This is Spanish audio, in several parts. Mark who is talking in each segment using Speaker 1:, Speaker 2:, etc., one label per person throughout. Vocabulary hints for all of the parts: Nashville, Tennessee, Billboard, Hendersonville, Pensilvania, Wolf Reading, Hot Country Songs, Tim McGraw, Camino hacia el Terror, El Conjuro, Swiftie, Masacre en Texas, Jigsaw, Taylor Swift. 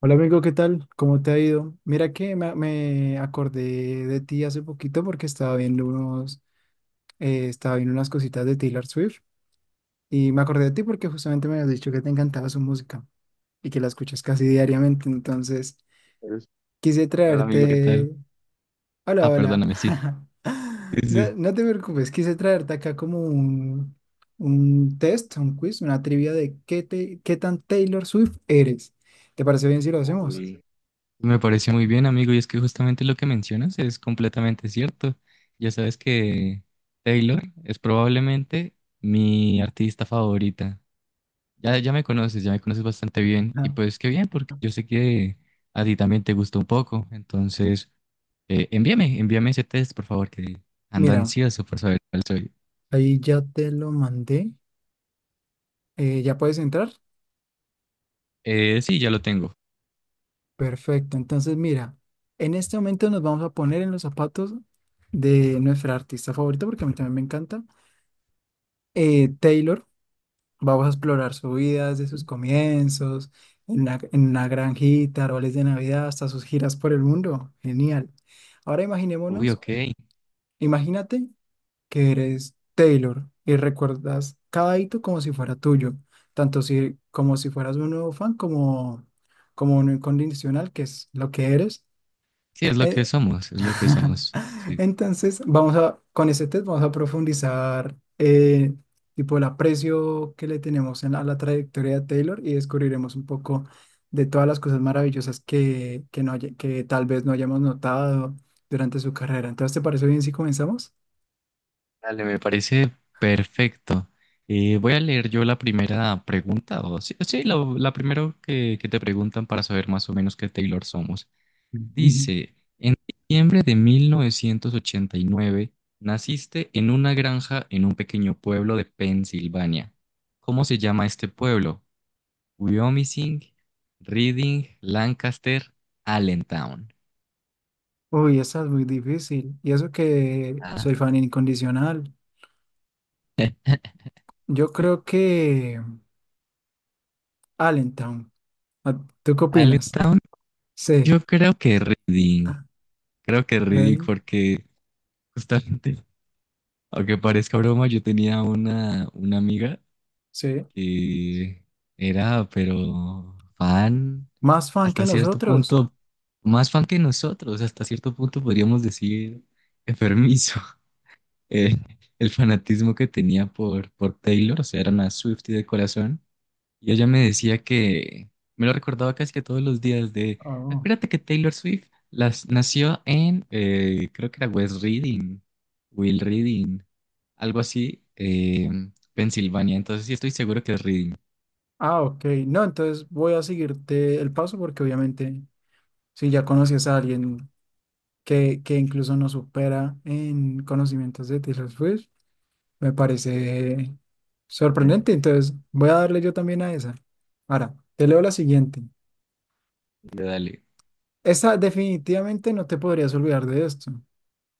Speaker 1: Hola amigo, ¿qué tal? ¿Cómo te ha ido? Mira que me acordé de ti hace poquito porque estaba viendo estaba viendo unas cositas de Taylor Swift y me acordé de ti porque justamente me habías dicho que te encantaba su música y que la escuchas casi diariamente, entonces
Speaker 2: Es-
Speaker 1: quise
Speaker 2: Hola amigo, ¿qué tal?
Speaker 1: traerte... Hola,
Speaker 2: Ah,
Speaker 1: hola.
Speaker 2: perdóname, sí. Sí,
Speaker 1: No,
Speaker 2: sí.
Speaker 1: no te preocupes, quise traerte acá como un test, un quiz, una trivia de qué tan Taylor Swift eres. ¿Te parece bien si lo hacemos?
Speaker 2: Uy, me pareció muy bien, amigo, y es que justamente lo que mencionas es completamente cierto. Ya sabes que Taylor es probablemente mi artista favorita. Ya, ya me conoces bastante bien. Y
Speaker 1: Ajá.
Speaker 2: pues qué bien, porque yo sé que a ti también te gusta un poco. Entonces, envíame ese test, por favor, que ando
Speaker 1: Mira.
Speaker 2: ansioso por saber cuál soy.
Speaker 1: Ahí ya te lo mandé. ¿Ya puedes entrar?
Speaker 2: Sí, ya lo tengo.
Speaker 1: Perfecto. Entonces, mira, en este momento nos vamos a poner en los zapatos de nuestra artista favorita, porque a mí también me encanta, Taylor. Vamos a explorar su vida desde sus comienzos, en una granjita, árboles de Navidad, hasta sus giras por el mundo. Genial. Ahora
Speaker 2: Uy, ok.
Speaker 1: imagínate que eres Taylor y recuerdas cada hito como si fuera tuyo, tanto si, como si fueras un nuevo fan como un incondicional, que es lo que eres.
Speaker 2: Sí, es lo que
Speaker 1: Eh,
Speaker 2: somos, es lo que somos. Sí,
Speaker 1: Entonces, con ese test vamos a profundizar tipo el aprecio que le tenemos en la- a la trayectoria de Taylor y descubriremos un poco de todas las cosas maravillosas que tal vez no hayamos notado durante su carrera. Entonces, ¿te parece bien si comenzamos?
Speaker 2: dale, me parece perfecto. Voy a leer yo la primera pregunta, o sí, sí, la primera que te preguntan para saber más o menos qué Taylor somos. Dice, en diciembre de 1989 naciste en una granja en un pequeño pueblo de Pensilvania. ¿Cómo se llama este pueblo? Wyoming, Reading, Lancaster, Allentown.
Speaker 1: Uy, esta es muy difícil. Y eso que
Speaker 2: Ah,
Speaker 1: soy fan incondicional. Yo creo que Allentown. Ah, ¿tú qué opinas?
Speaker 2: Allentown,
Speaker 1: Sí.
Speaker 2: yo creo que Reading.
Speaker 1: Ah,
Speaker 2: Creo que Reading
Speaker 1: eh,
Speaker 2: porque... justamente. Aunque parezca broma, yo tenía una amiga
Speaker 1: sí.
Speaker 2: que era, pero fan,
Speaker 1: ¿Más fan que
Speaker 2: hasta cierto
Speaker 1: nosotros?
Speaker 2: punto, más fan que nosotros, hasta cierto punto podríamos decir enfermizo. Eh, el fanatismo que tenía por Taylor, o sea, era una Swiftie de corazón. Y ella me decía que, me lo recordaba casi que todos los días de,
Speaker 1: Oh.
Speaker 2: acuérdate que Taylor Swift nació en, creo que era West Reading, Will Reading algo así, Pensilvania. Entonces sí estoy seguro que es Reading.
Speaker 1: Ah, ok. No, entonces voy a seguirte el paso porque obviamente si ya conoces a alguien que incluso nos supera en conocimientos de Taylor Swift, me parece sorprendente.
Speaker 2: Entonces,
Speaker 1: Entonces voy a darle yo también a esa. Ahora, te leo la siguiente.
Speaker 2: de dale.
Speaker 1: Esta definitivamente no te podrías olvidar de esto.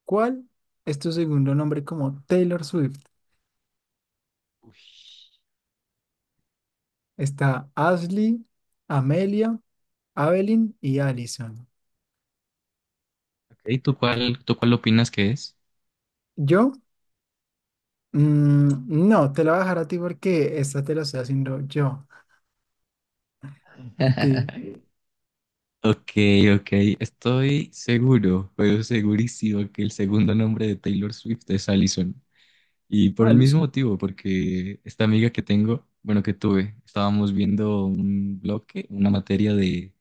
Speaker 1: ¿Cuál es tu segundo nombre como Taylor Swift?
Speaker 2: Uy.
Speaker 1: Está Ashley, Amelia, Evelyn y Allison.
Speaker 2: Ok, ¿tú cuál opinas que es?
Speaker 1: ¿Yo? Mm, no, te la voy a dejar a ti porque esta te la estoy haciendo yo. A ti,
Speaker 2: Ok, ok, estoy seguro, pero segurísimo que el segundo nombre de Taylor Swift es Allison. Y por el mismo
Speaker 1: Allison.
Speaker 2: motivo, porque esta amiga que tengo, bueno, que tuve, estábamos viendo un bloque, una materia de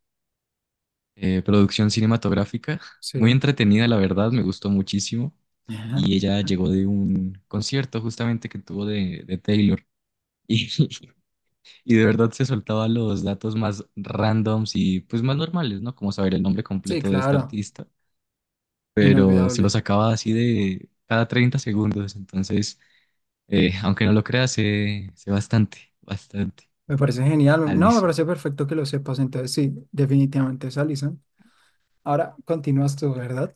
Speaker 2: producción cinematográfica. Muy
Speaker 1: Sí.
Speaker 2: entretenida, la verdad, me gustó muchísimo.
Speaker 1: Ajá.
Speaker 2: Y ella llegó de un concierto justamente que tuvo de Taylor. Y, y de verdad se soltaba los datos más randoms y pues más normales, ¿no? Como saber el nombre
Speaker 1: Sí,
Speaker 2: completo de esta
Speaker 1: claro.
Speaker 2: artista. Pero se
Speaker 1: Inolvidable.
Speaker 2: lo sacaba así de cada 30 segundos. Entonces, aunque no lo creas, sé bastante, bastante.
Speaker 1: Me parece genial. No, me
Speaker 2: Alice.
Speaker 1: parece perfecto que lo sepas. Entonces, sí, definitivamente es Allison. Ahora continúas tú, ¿verdad?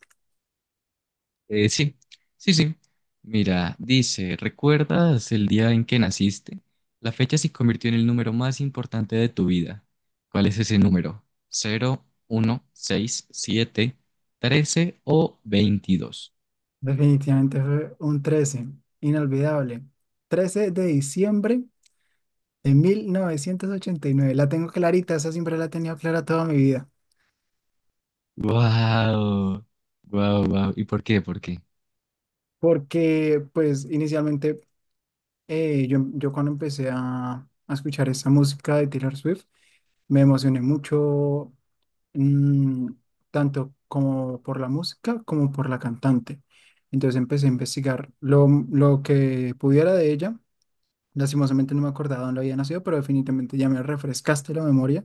Speaker 2: Sí, sí, sí. Mira, dice, ¿recuerdas el día en que naciste? La fecha se convirtió en el número más importante de tu vida. ¿Cuál es ese número? Cero, uno, seis, siete, 13 o 22.
Speaker 1: Definitivamente fue un 13 inolvidable. 13 de diciembre de 1989. La tengo clarita, esa siempre la he tenido clara toda mi vida.
Speaker 2: ¡Wow! ¡Wow, wow! ¿Y por qué? ¿Por qué?
Speaker 1: Porque, pues, inicialmente, yo cuando empecé a escuchar esa música de Taylor Swift, me emocioné mucho, mm, tanto como por la música como por la cantante. Entonces empecé a investigar lo que pudiera de ella. Lastimosamente no me acordaba dónde había nacido, pero definitivamente ya me refrescaste la memoria.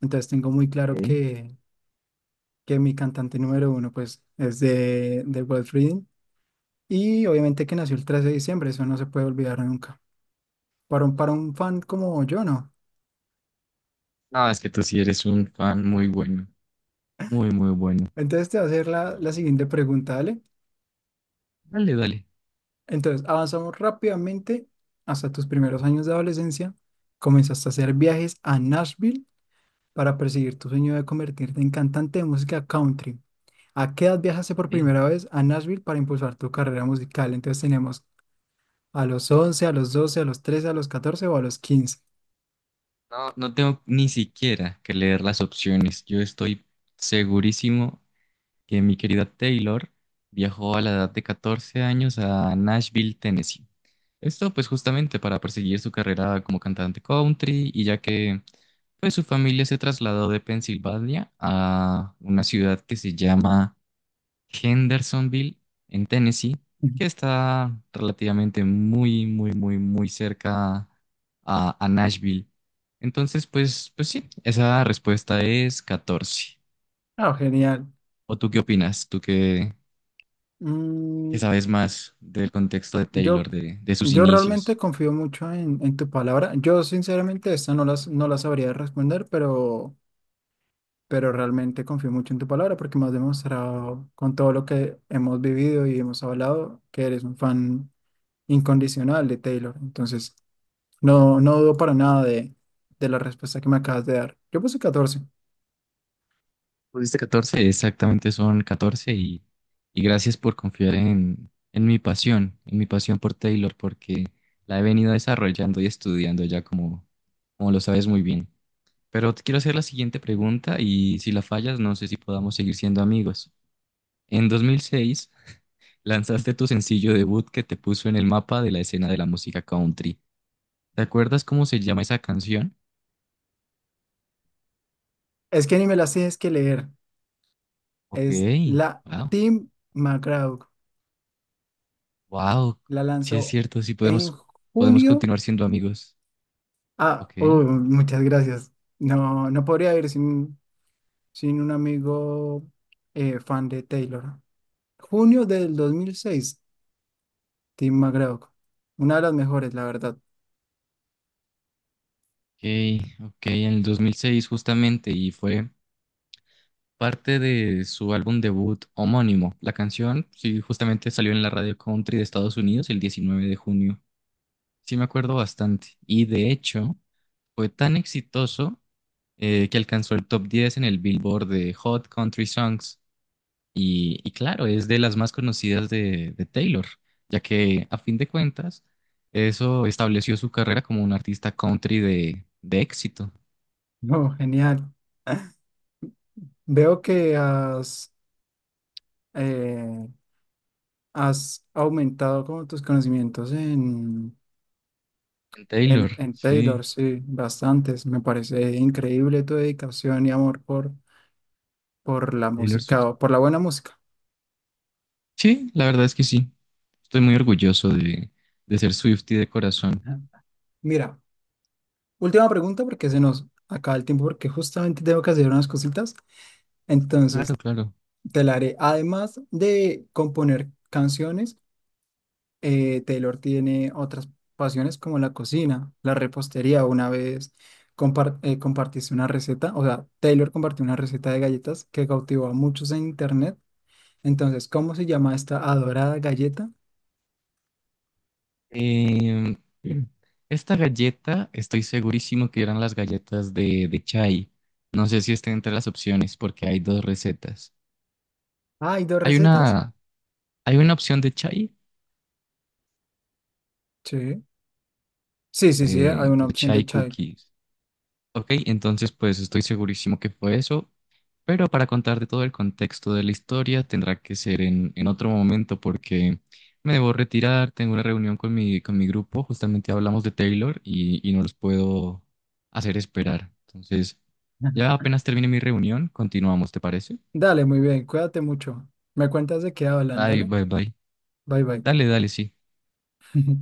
Speaker 1: Entonces tengo muy claro
Speaker 2: ¿Eh?
Speaker 1: que, mi cantante número uno pues es de Wolf Reading y obviamente que nació el 13 de diciembre, eso no se puede olvidar nunca. Para un fan como yo, no.
Speaker 2: No, es que tú sí eres un fan muy bueno, muy, muy bueno.
Speaker 1: Entonces te voy a hacer la
Speaker 2: Y
Speaker 1: siguiente pregunta, ¿vale?
Speaker 2: dale, dale.
Speaker 1: Entonces avanzamos rápidamente hasta tus primeros años de adolescencia. Comenzaste a hacer viajes a Nashville para perseguir tu sueño de convertirte en cantante de música country. ¿A qué edad viajaste por
Speaker 2: Eh,
Speaker 1: primera vez a Nashville para impulsar tu carrera musical? Entonces tenemos a los 11, a los 12, a los 13, a los 14 o a los 15.
Speaker 2: No, no tengo ni siquiera que leer las opciones. Yo estoy segurísimo que mi querida Taylor viajó a la edad de 14 años a Nashville, Tennessee. Esto pues justamente para perseguir su carrera como cantante country y ya que pues su familia se trasladó de Pensilvania a una ciudad que se llama Hendersonville, en Tennessee,
Speaker 1: Ujú.
Speaker 2: que está relativamente muy, muy, muy, muy cerca a Nashville. Entonces, pues sí, esa respuesta es 14.
Speaker 1: Ah, genial.
Speaker 2: ¿O tú qué opinas? ¿Tú qué, que
Speaker 1: Mm,
Speaker 2: sabes más del contexto de
Speaker 1: yo,
Speaker 2: Taylor, de sus
Speaker 1: yo realmente
Speaker 2: inicios?
Speaker 1: confío mucho en tu palabra. Yo sinceramente esta no la sabría responder, pero realmente confío mucho en tu palabra porque me has demostrado con todo lo que hemos vivido y hemos hablado que eres un fan incondicional de Taylor. Entonces... No, no dudo para nada de la respuesta que me acabas de dar. Yo puse 14.
Speaker 2: Pusiste 14, exactamente son 14 y gracias por confiar en mi pasión, en mi pasión por Taylor, porque la he venido desarrollando y estudiando ya como lo sabes muy bien. Pero te quiero hacer la siguiente pregunta, y si la fallas no sé si podamos seguir siendo amigos. En 2006 lanzaste tu sencillo debut que te puso en el mapa de la escena de la música country. ¿Te acuerdas cómo se llama esa canción?
Speaker 1: Es que ni me las tienes que leer. Es
Speaker 2: Ok,
Speaker 1: la
Speaker 2: wow.
Speaker 1: Tim McGraw.
Speaker 2: Wow,
Speaker 1: La
Speaker 2: sí es
Speaker 1: lanzó
Speaker 2: cierto, sí
Speaker 1: en
Speaker 2: podemos
Speaker 1: junio.
Speaker 2: continuar siendo amigos.
Speaker 1: Ah,
Speaker 2: Ok,
Speaker 1: oh, muchas gracias. No, no podría ir sin un amigo fan de Taylor. Junio del 2006. Tim McGraw. Una de las mejores, la verdad.
Speaker 2: ok, ok, en el 2006 justamente, y fue parte de su álbum debut homónimo. La canción, sí, justamente salió en la radio country de Estados Unidos el 19 de junio. Sí me acuerdo bastante, y de hecho fue tan exitoso que alcanzó el top 10 en el Billboard de Hot Country Songs. Y claro, es de las más conocidas de Taylor, ya que a fin de cuentas, eso estableció su carrera como un artista country de éxito.
Speaker 1: No, genial. Veo que eh, Has aumentado como tus conocimientos en,
Speaker 2: En
Speaker 1: en,
Speaker 2: Taylor,
Speaker 1: en
Speaker 2: sí,
Speaker 1: Taylor, sí, bastantes. Me parece increíble tu dedicación y amor por la
Speaker 2: Taylor
Speaker 1: música,
Speaker 2: Swift.
Speaker 1: o por la buena música.
Speaker 2: Sí, la verdad es que sí. Estoy muy orgulloso de ser Swiftie de corazón.
Speaker 1: Ajá. Mira, última pregunta porque se nos acaba el tiempo porque justamente tengo que hacer unas cositas.
Speaker 2: Claro,
Speaker 1: Entonces,
Speaker 2: claro.
Speaker 1: te la haré. Además de componer canciones, Taylor tiene otras pasiones como la cocina, la repostería. Una vez compartiste una receta, o sea, Taylor compartió una receta de galletas que cautivó a muchos en internet. Entonces, ¿cómo se llama esta adorada galleta?
Speaker 2: Eh, Esta galleta, estoy segurísimo que eran las galletas de Chai. No sé si estén entre las opciones porque hay dos recetas.
Speaker 1: Ah, ¿hay dos
Speaker 2: Hay
Speaker 1: recetas?
Speaker 2: una, hay una opción de Chai,
Speaker 1: Sí. Sí, sí, sí, hay una
Speaker 2: como
Speaker 1: opción de
Speaker 2: chai
Speaker 1: chai.
Speaker 2: cookies. Ok, entonces pues estoy segurísimo que fue eso, pero para contarte todo el contexto de la historia tendrá que ser en otro momento, porque me debo retirar, tengo una reunión con mi grupo, justamente hablamos de Taylor y no los puedo hacer esperar. Entonces, ya apenas termine mi reunión, continuamos, ¿te parece?
Speaker 1: Dale, muy bien, cuídate mucho. Me cuentas de qué hablan,
Speaker 2: Bye,
Speaker 1: dale.
Speaker 2: bye, bye.
Speaker 1: Bye, bye.
Speaker 2: Dale, dale, sí.